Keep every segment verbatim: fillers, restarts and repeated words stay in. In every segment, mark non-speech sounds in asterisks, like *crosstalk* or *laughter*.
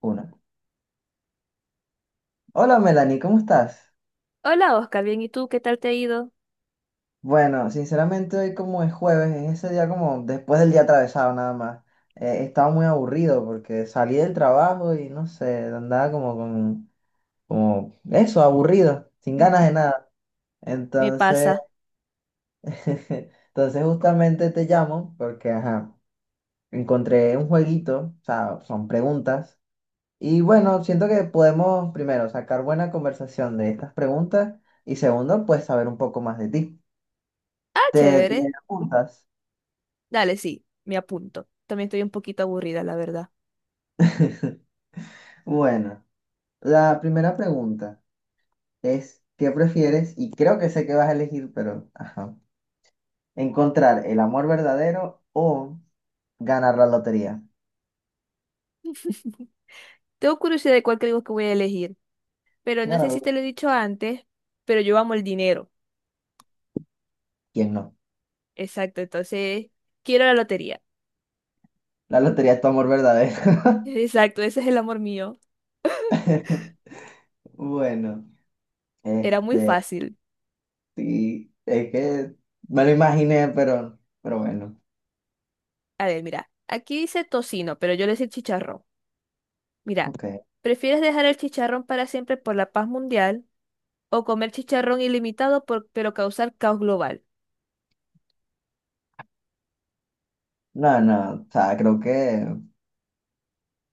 Uno. Hola Melanie, ¿cómo estás? Hola Oscar, bien, ¿y tú qué tal te ha ido? Bueno, sinceramente hoy como es jueves, es ese día como después del día atravesado nada más. Eh, estaba muy aburrido porque salí del trabajo y no sé, andaba como con, como eso, aburrido, sin ganas de nada. Me Entonces, pasa. *laughs* entonces justamente te llamo porque, ajá, encontré un jueguito, o sea, son preguntas. Y bueno, siento que podemos primero sacar buena conversación de estas preguntas y segundo, pues saber un poco más de ti. Ah, Te, te chévere. apuntas. Dale, sí, me apunto. También estoy un poquito aburrida, la verdad. *laughs* Bueno, la primera pregunta es, ¿qué prefieres? Y creo que sé que vas a elegir, pero, ajá. ¿Encontrar el amor verdadero o ganar la lotería? *laughs* Tengo curiosidad de cuál creo que voy a elegir, pero no Ganar sé la- si te lo he dicho antes, pero yo amo el dinero. ¿Quién no? Exacto, entonces quiero la lotería. La lotería es tu amor verdadero. *laughs* Exacto, ese es el amor mío. *laughs* Bueno, Era muy este, fácil. sí, es que me lo imaginé, pero, pero bueno, A ver, mira, aquí dice tocino, pero yo le hice chicharrón. Mira, ok. ¿prefieres dejar el chicharrón para siempre por la paz mundial? O comer chicharrón ilimitado por- pero causar caos global. No, no, o sea, creo que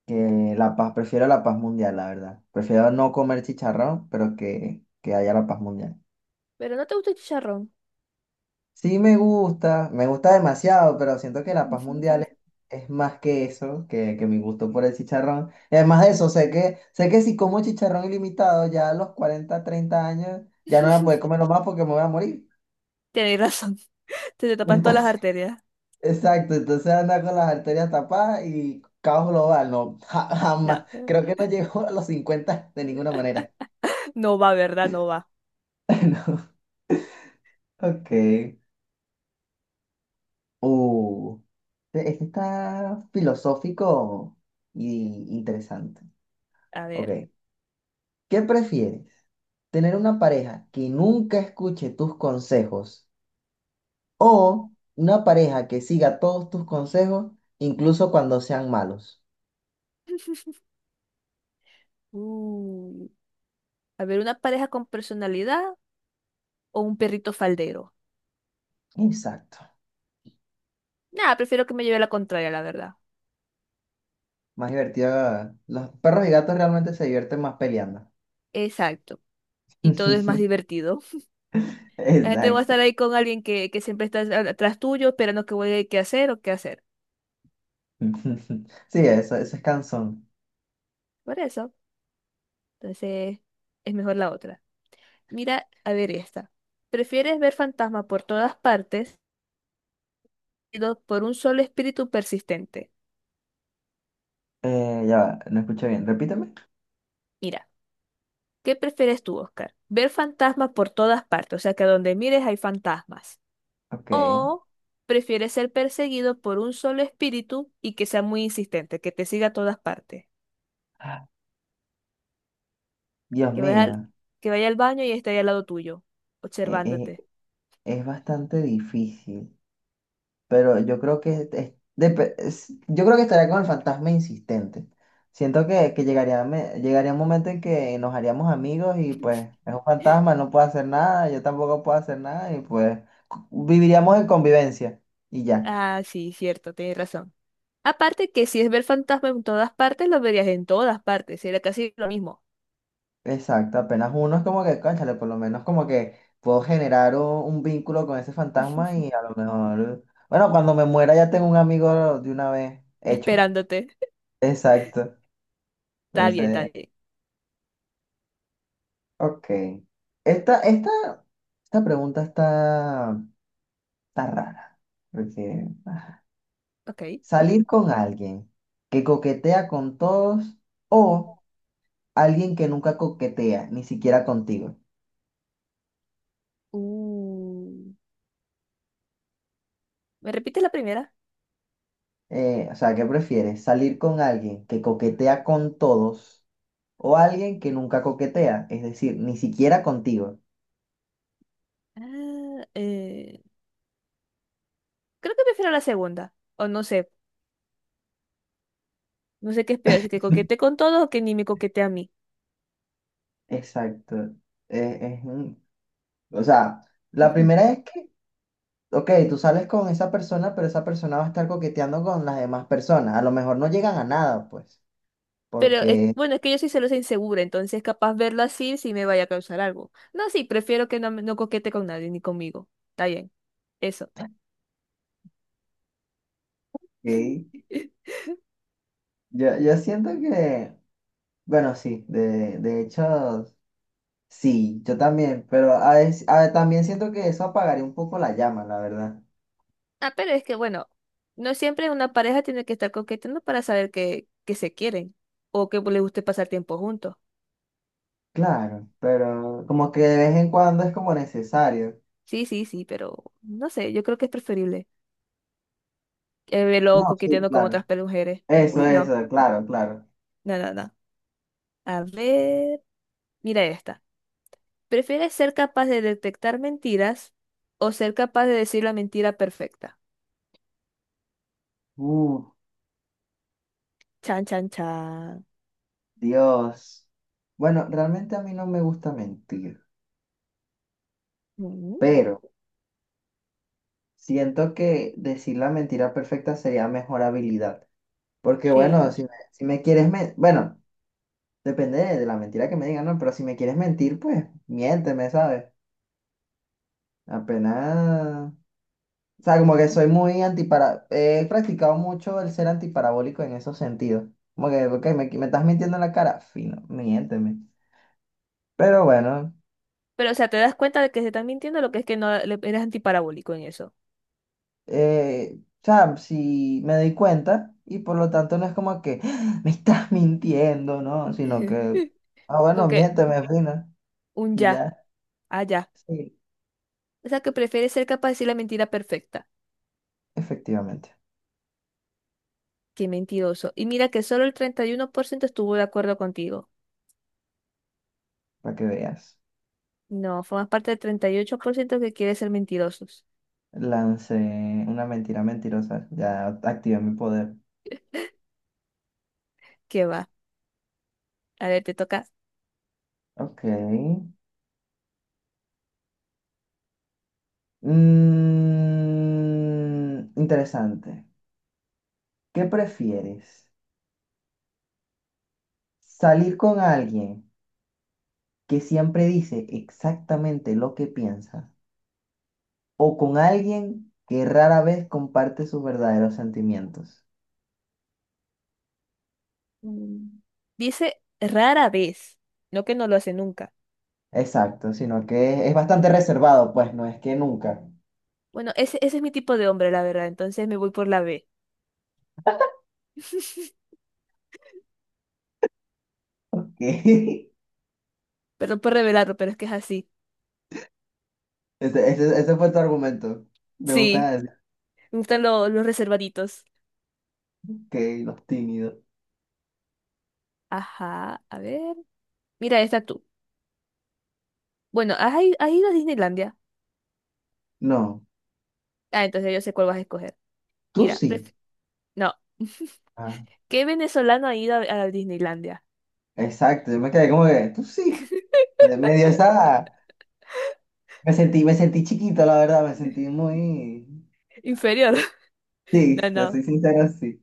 Que la paz, prefiero la paz mundial, la verdad. Prefiero no comer chicharrón, pero que, que haya la paz mundial. Pero no te gusta el chicharrón. Sí me gusta, me gusta demasiado, pero siento que la paz mundial *laughs* es, es más que eso, que, que mi gusto por el chicharrón. Y además de eso, sé que, sé que si como chicharrón ilimitado, ya a los cuarenta treinta años, ya no voy a poder comerlo más porque me voy a morir. Tienes razón. Se te *laughs* tapan todas las Entonces, arterias. exacto, entonces anda con las arterias tapadas y caos global, no, ja- Ya. jamás. Creo que no llego a los cincuenta de ninguna manera. No va, ¿verdad? No va. *laughs* No. Ok. Uh, este este está filosófico y interesante. A Ok. ver. ¿Qué prefieres? ¿Tener una pareja que nunca escuche tus consejos o una pareja que siga todos tus consejos, incluso cuando sean malos? Uh, a ver, una pareja con personalidad o un perrito faldero. Exacto. Nada, prefiero que me lleve la contraria, la verdad. Más divertido. Los perros y gatos realmente se divierten más peleando. Exacto. Y todo es más *laughs* divertido. La gente va a Exacto. estar ahí con alguien que, que siempre está a- atrás tuyo, esperando que vuelva qué hacer o qué hacer. *laughs* Sí, eso, eso es cansón. Por eso, entonces es mejor la otra. Mira, a ver esta. ¿Prefieres ver fantasmas por todas partes, seguido por un solo espíritu persistente? Eh, ya va, no escuché bien. Repíteme. Mira, ¿qué prefieres tú, Oscar? ¿Ver fantasmas por todas partes? O sea, que donde mires hay fantasmas. Ok. ¿O prefieres ser perseguido por un solo espíritu y que sea muy insistente, que te siga a todas partes? Dios que vaya al, mío, que vaya al baño y esté ahí al lado tuyo, e- observándote. e- es bastante difícil, pero yo creo que es- es- depe- es- yo creo que estaría con el fantasma insistente. Siento que, que llegaría, me- llegaría un momento en que nos haríamos amigos y pues es un fantasma, *laughs* no puede hacer nada, yo tampoco puedo hacer nada y pues cu- viviríamos en convivencia y ya. Ah, sí, cierto, tienes razón. Aparte que si es ver fantasma en todas partes, lo verías en todas partes, sería casi lo mismo. Exacto, apenas uno es como que, cónchale, por lo menos como que puedo generar un, un vínculo con ese fantasma y a *laughs* lo mejor, bueno, cuando me muera ya tengo un amigo de una vez hecho. Esperándote. Exacto. Está bien, está Entonces, bien. ok. Esta, esta, esta pregunta está, está rara. Porque ah, Ok. salir con alguien que coquetea con todos o alguien que nunca coquetea, ni siquiera contigo. Uh, ¿me repites la primera? Eh, o sea, ¿qué prefieres? ¿Salir con alguien que coquetea con todos o alguien que nunca coquetea? Es decir, ni siquiera contigo. Ah, eh, creo que prefiero la segunda, o no sé, no sé qué es peor, si que coquete con todos o que ni me coquete a mí. Exacto. Eh, es un- o sea, la primera es que ok, tú sales con esa persona, pero esa persona va a estar coqueteando con las demás personas. A lo mejor no llegan a nada, pues, Pero es- porque bueno, es que yo soy celosa e insegura, entonces capaz verlo así sí me vaya a causar algo. No, sí, prefiero que no, me- no coquete con nadie ni conmigo. Está bien. Eso. ok, *laughs* Yo, yo siento que, bueno, sí, de, de hecho, sí, yo también, pero a veces- a- también siento que eso apagaría un poco la llama, la verdad. Ah, pero es que bueno, no siempre una pareja tiene que estar coqueteando para saber que, que se quieren o que les guste pasar tiempo juntos. Claro, pero como que de vez en cuando es como necesario. Sí, sí, sí, pero no sé, yo creo que es preferible que verlo No, sí, coqueteando con claro. otras pe- mujeres. Eso, Uy, no, eso, claro, claro. no, no, no. A ver, mira esta. ¿Prefieres ser capaz de detectar mentiras o ser capaz de decir la mentira perfecta? Uh, Chan, chan, chan. Dios. Bueno, realmente a mí no me gusta mentir, Mm, pero. Siento que decir la mentira perfecta sería mejor habilidad. Porque bueno, sí. si me, si me quieres mentir, bueno, depende de, de la mentira que me digan, ¿no? Pero si me quieres mentir, pues miénteme, ¿sabes? Apenas... O sea, como que soy muy antipara... He practicado mucho el ser antiparabólico en esos sentidos. Como que, ok, me, me estás mintiendo en la cara, fino, miénteme. Pero bueno. *laughs* Pero, o sea, te das cuenta de que se están mintiendo, lo que es que no le- eres antiparabólico en eso. eh, o sea, si me doy cuenta y por lo tanto no es como que "Ah, me estás mintiendo, ¿no? Sino que, *laughs* ah, bueno, Como que miénteme, fina, un y ya, ya. allá. Sí, O sea, que prefieres ser capaz de decir la mentira perfecta. efectivamente, Qué mentiroso. Y mira que solo el treinta y uno por ciento estuvo de acuerdo contigo. para que veas. No, formas parte del treinta y ocho por ciento que quiere ser mentirosos. Lancé una mentira mentirosa, ya activé mi poder. ¿Qué va? A ver, te toca. Ok. Mm, interesante. ¿Qué prefieres? ¿Salir con alguien que siempre dice exactamente lo que piensa? o con alguien que rara vez comparte sus verdaderos sentimientos? Mm, dice rara vez, no que no lo hace nunca. Exacto, sino que es bastante reservado, pues no es que nunca. Bueno, ese, ese es mi tipo de hombre, la verdad, entonces me voy por la B. *laughs* *laughs* Perdón por revelarlo, pero es que es así. Ese, ese- ese fue tu argumento. Me gusta Sí, decir me gustan lo- los reservaditos. que los tímidos. Ajá, a ver. Mira, esta tú. Bueno, ¿has, i- has ido a Disneylandia? No, Ah, entonces yo sé cuál vas a escoger. tú Mira, sí. pref- no. Ah, *laughs* ¿Qué venezolano ha ido a, a Disneylandia? exacto, yo me quedé como que tú sí. Me, me dio esa. Me sentí, me sentí chiquito, la verdad, me sentí muy. Inferior. *laughs* Sí, No, te no. soy sincero, sí.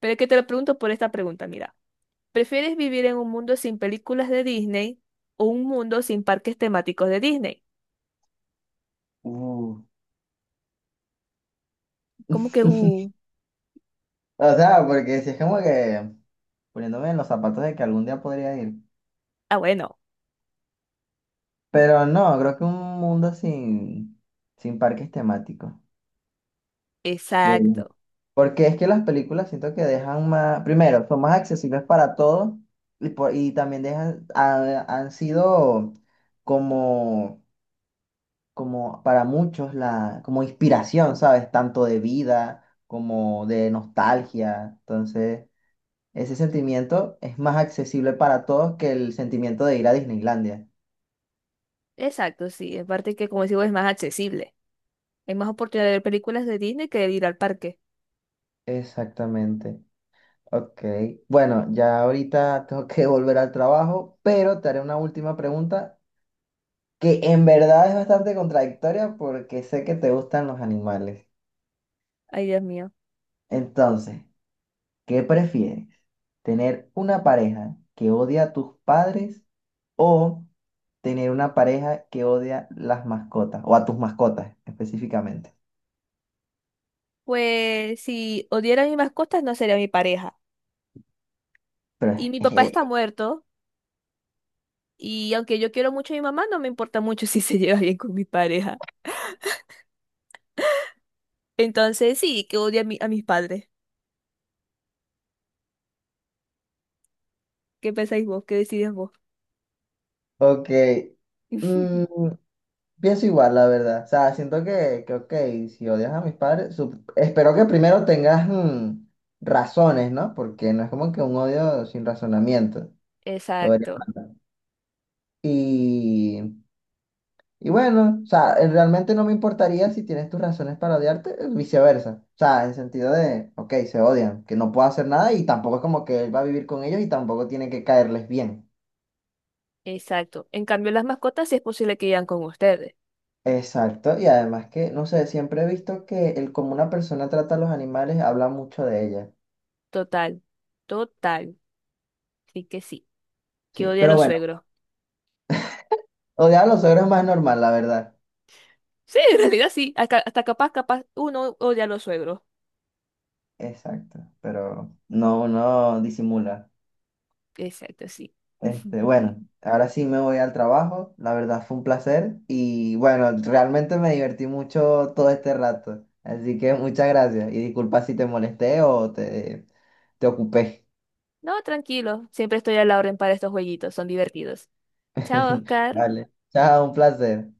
Pero es que te lo pregunto por esta pregunta, mira. ¿Prefieres vivir en un mundo sin películas de Disney o un mundo sin parques temáticos de Disney? Uh, Como que, uh, O sea, porque si es como que poniéndome en los zapatos de que algún día podría ir. ah, bueno, Pero no, creo que un mundo sin, sin, parques temáticos de Disney. exacto, Porque es que las películas siento que dejan más, primero, son más accesibles para todos y, por- y también dejan, ha- han sido como, como para muchos la, como inspiración, ¿sabes? Tanto de vida como de nostalgia. Entonces, ese sentimiento es más accesible para todos que el sentimiento de ir a Disneylandia. exacto, sí, en parte que, como digo, es más accesible. Hay más oportunidad de ver películas de Disney que de ir al parque. Exactamente. Ok, bueno, ya ahorita tengo que *laughs* volver al trabajo, pero te haré una última pregunta que en verdad es bastante contradictoria porque sé que te gustan los animales. Ay, Dios mío. Entonces, ¿qué prefieres? ¿Tener una pareja que odia a tus padres o tener una pareja que odia las mascotas o a tus mascotas específicamente? Pues si odiara a mis mascotas, no sería mi pareja. Pero, Y mi papá está muerto, y aunque yo quiero mucho a mi mamá, no me importa mucho *laughs* si se lleva bien con mi pareja. Entonces, sí, que odie a, mi- a mis padres. ¿Qué pensáis vos? ¿Qué decidís vos? *laughs* ok, mm, *laughs* pienso igual, la verdad. O sea, siento que, que ok, si odias a mis padres, sup- espero que primero tengas mm, razones, ¿no? Porque no es como que un odio sin razonamiento. Lo vería Exacto. mal. Y, y bueno, o sea, eh, realmente no me importaría si tienes tus razones para odiarte, eh, viceversa. O sea, en sentido de, ok, se odian, que no puedo hacer nada y tampoco es como que él va a vivir con ellos y tampoco tiene que caerles bien. Exacto. En cambio, las mascotas sí es posible que vayan con ustedes. Exacto, y además que, no sé, siempre he visto que el cómo una persona trata a los animales habla mucho de ella. Total, total. Sí que sí. Que Sí, odia a pero los bueno, suegros. *laughs* odiar a los suegros es más normal, la verdad. Sí, en realidad sí. Hasta, hasta capaz, capaz, uno odia a los suegros. Exacto, pero no, no disimula. Exacto, sí. Este, bueno, *laughs* ahora sí me voy al trabajo, la verdad fue un placer y bueno, realmente me divertí mucho todo este rato, así que muchas gracias y disculpa si te molesté o te, te, ocupé. No, tranquilo. Siempre estoy a la orden para estos jueguitos. Son divertidos. Chao, *laughs* Oscar. Vale, chao, un placer.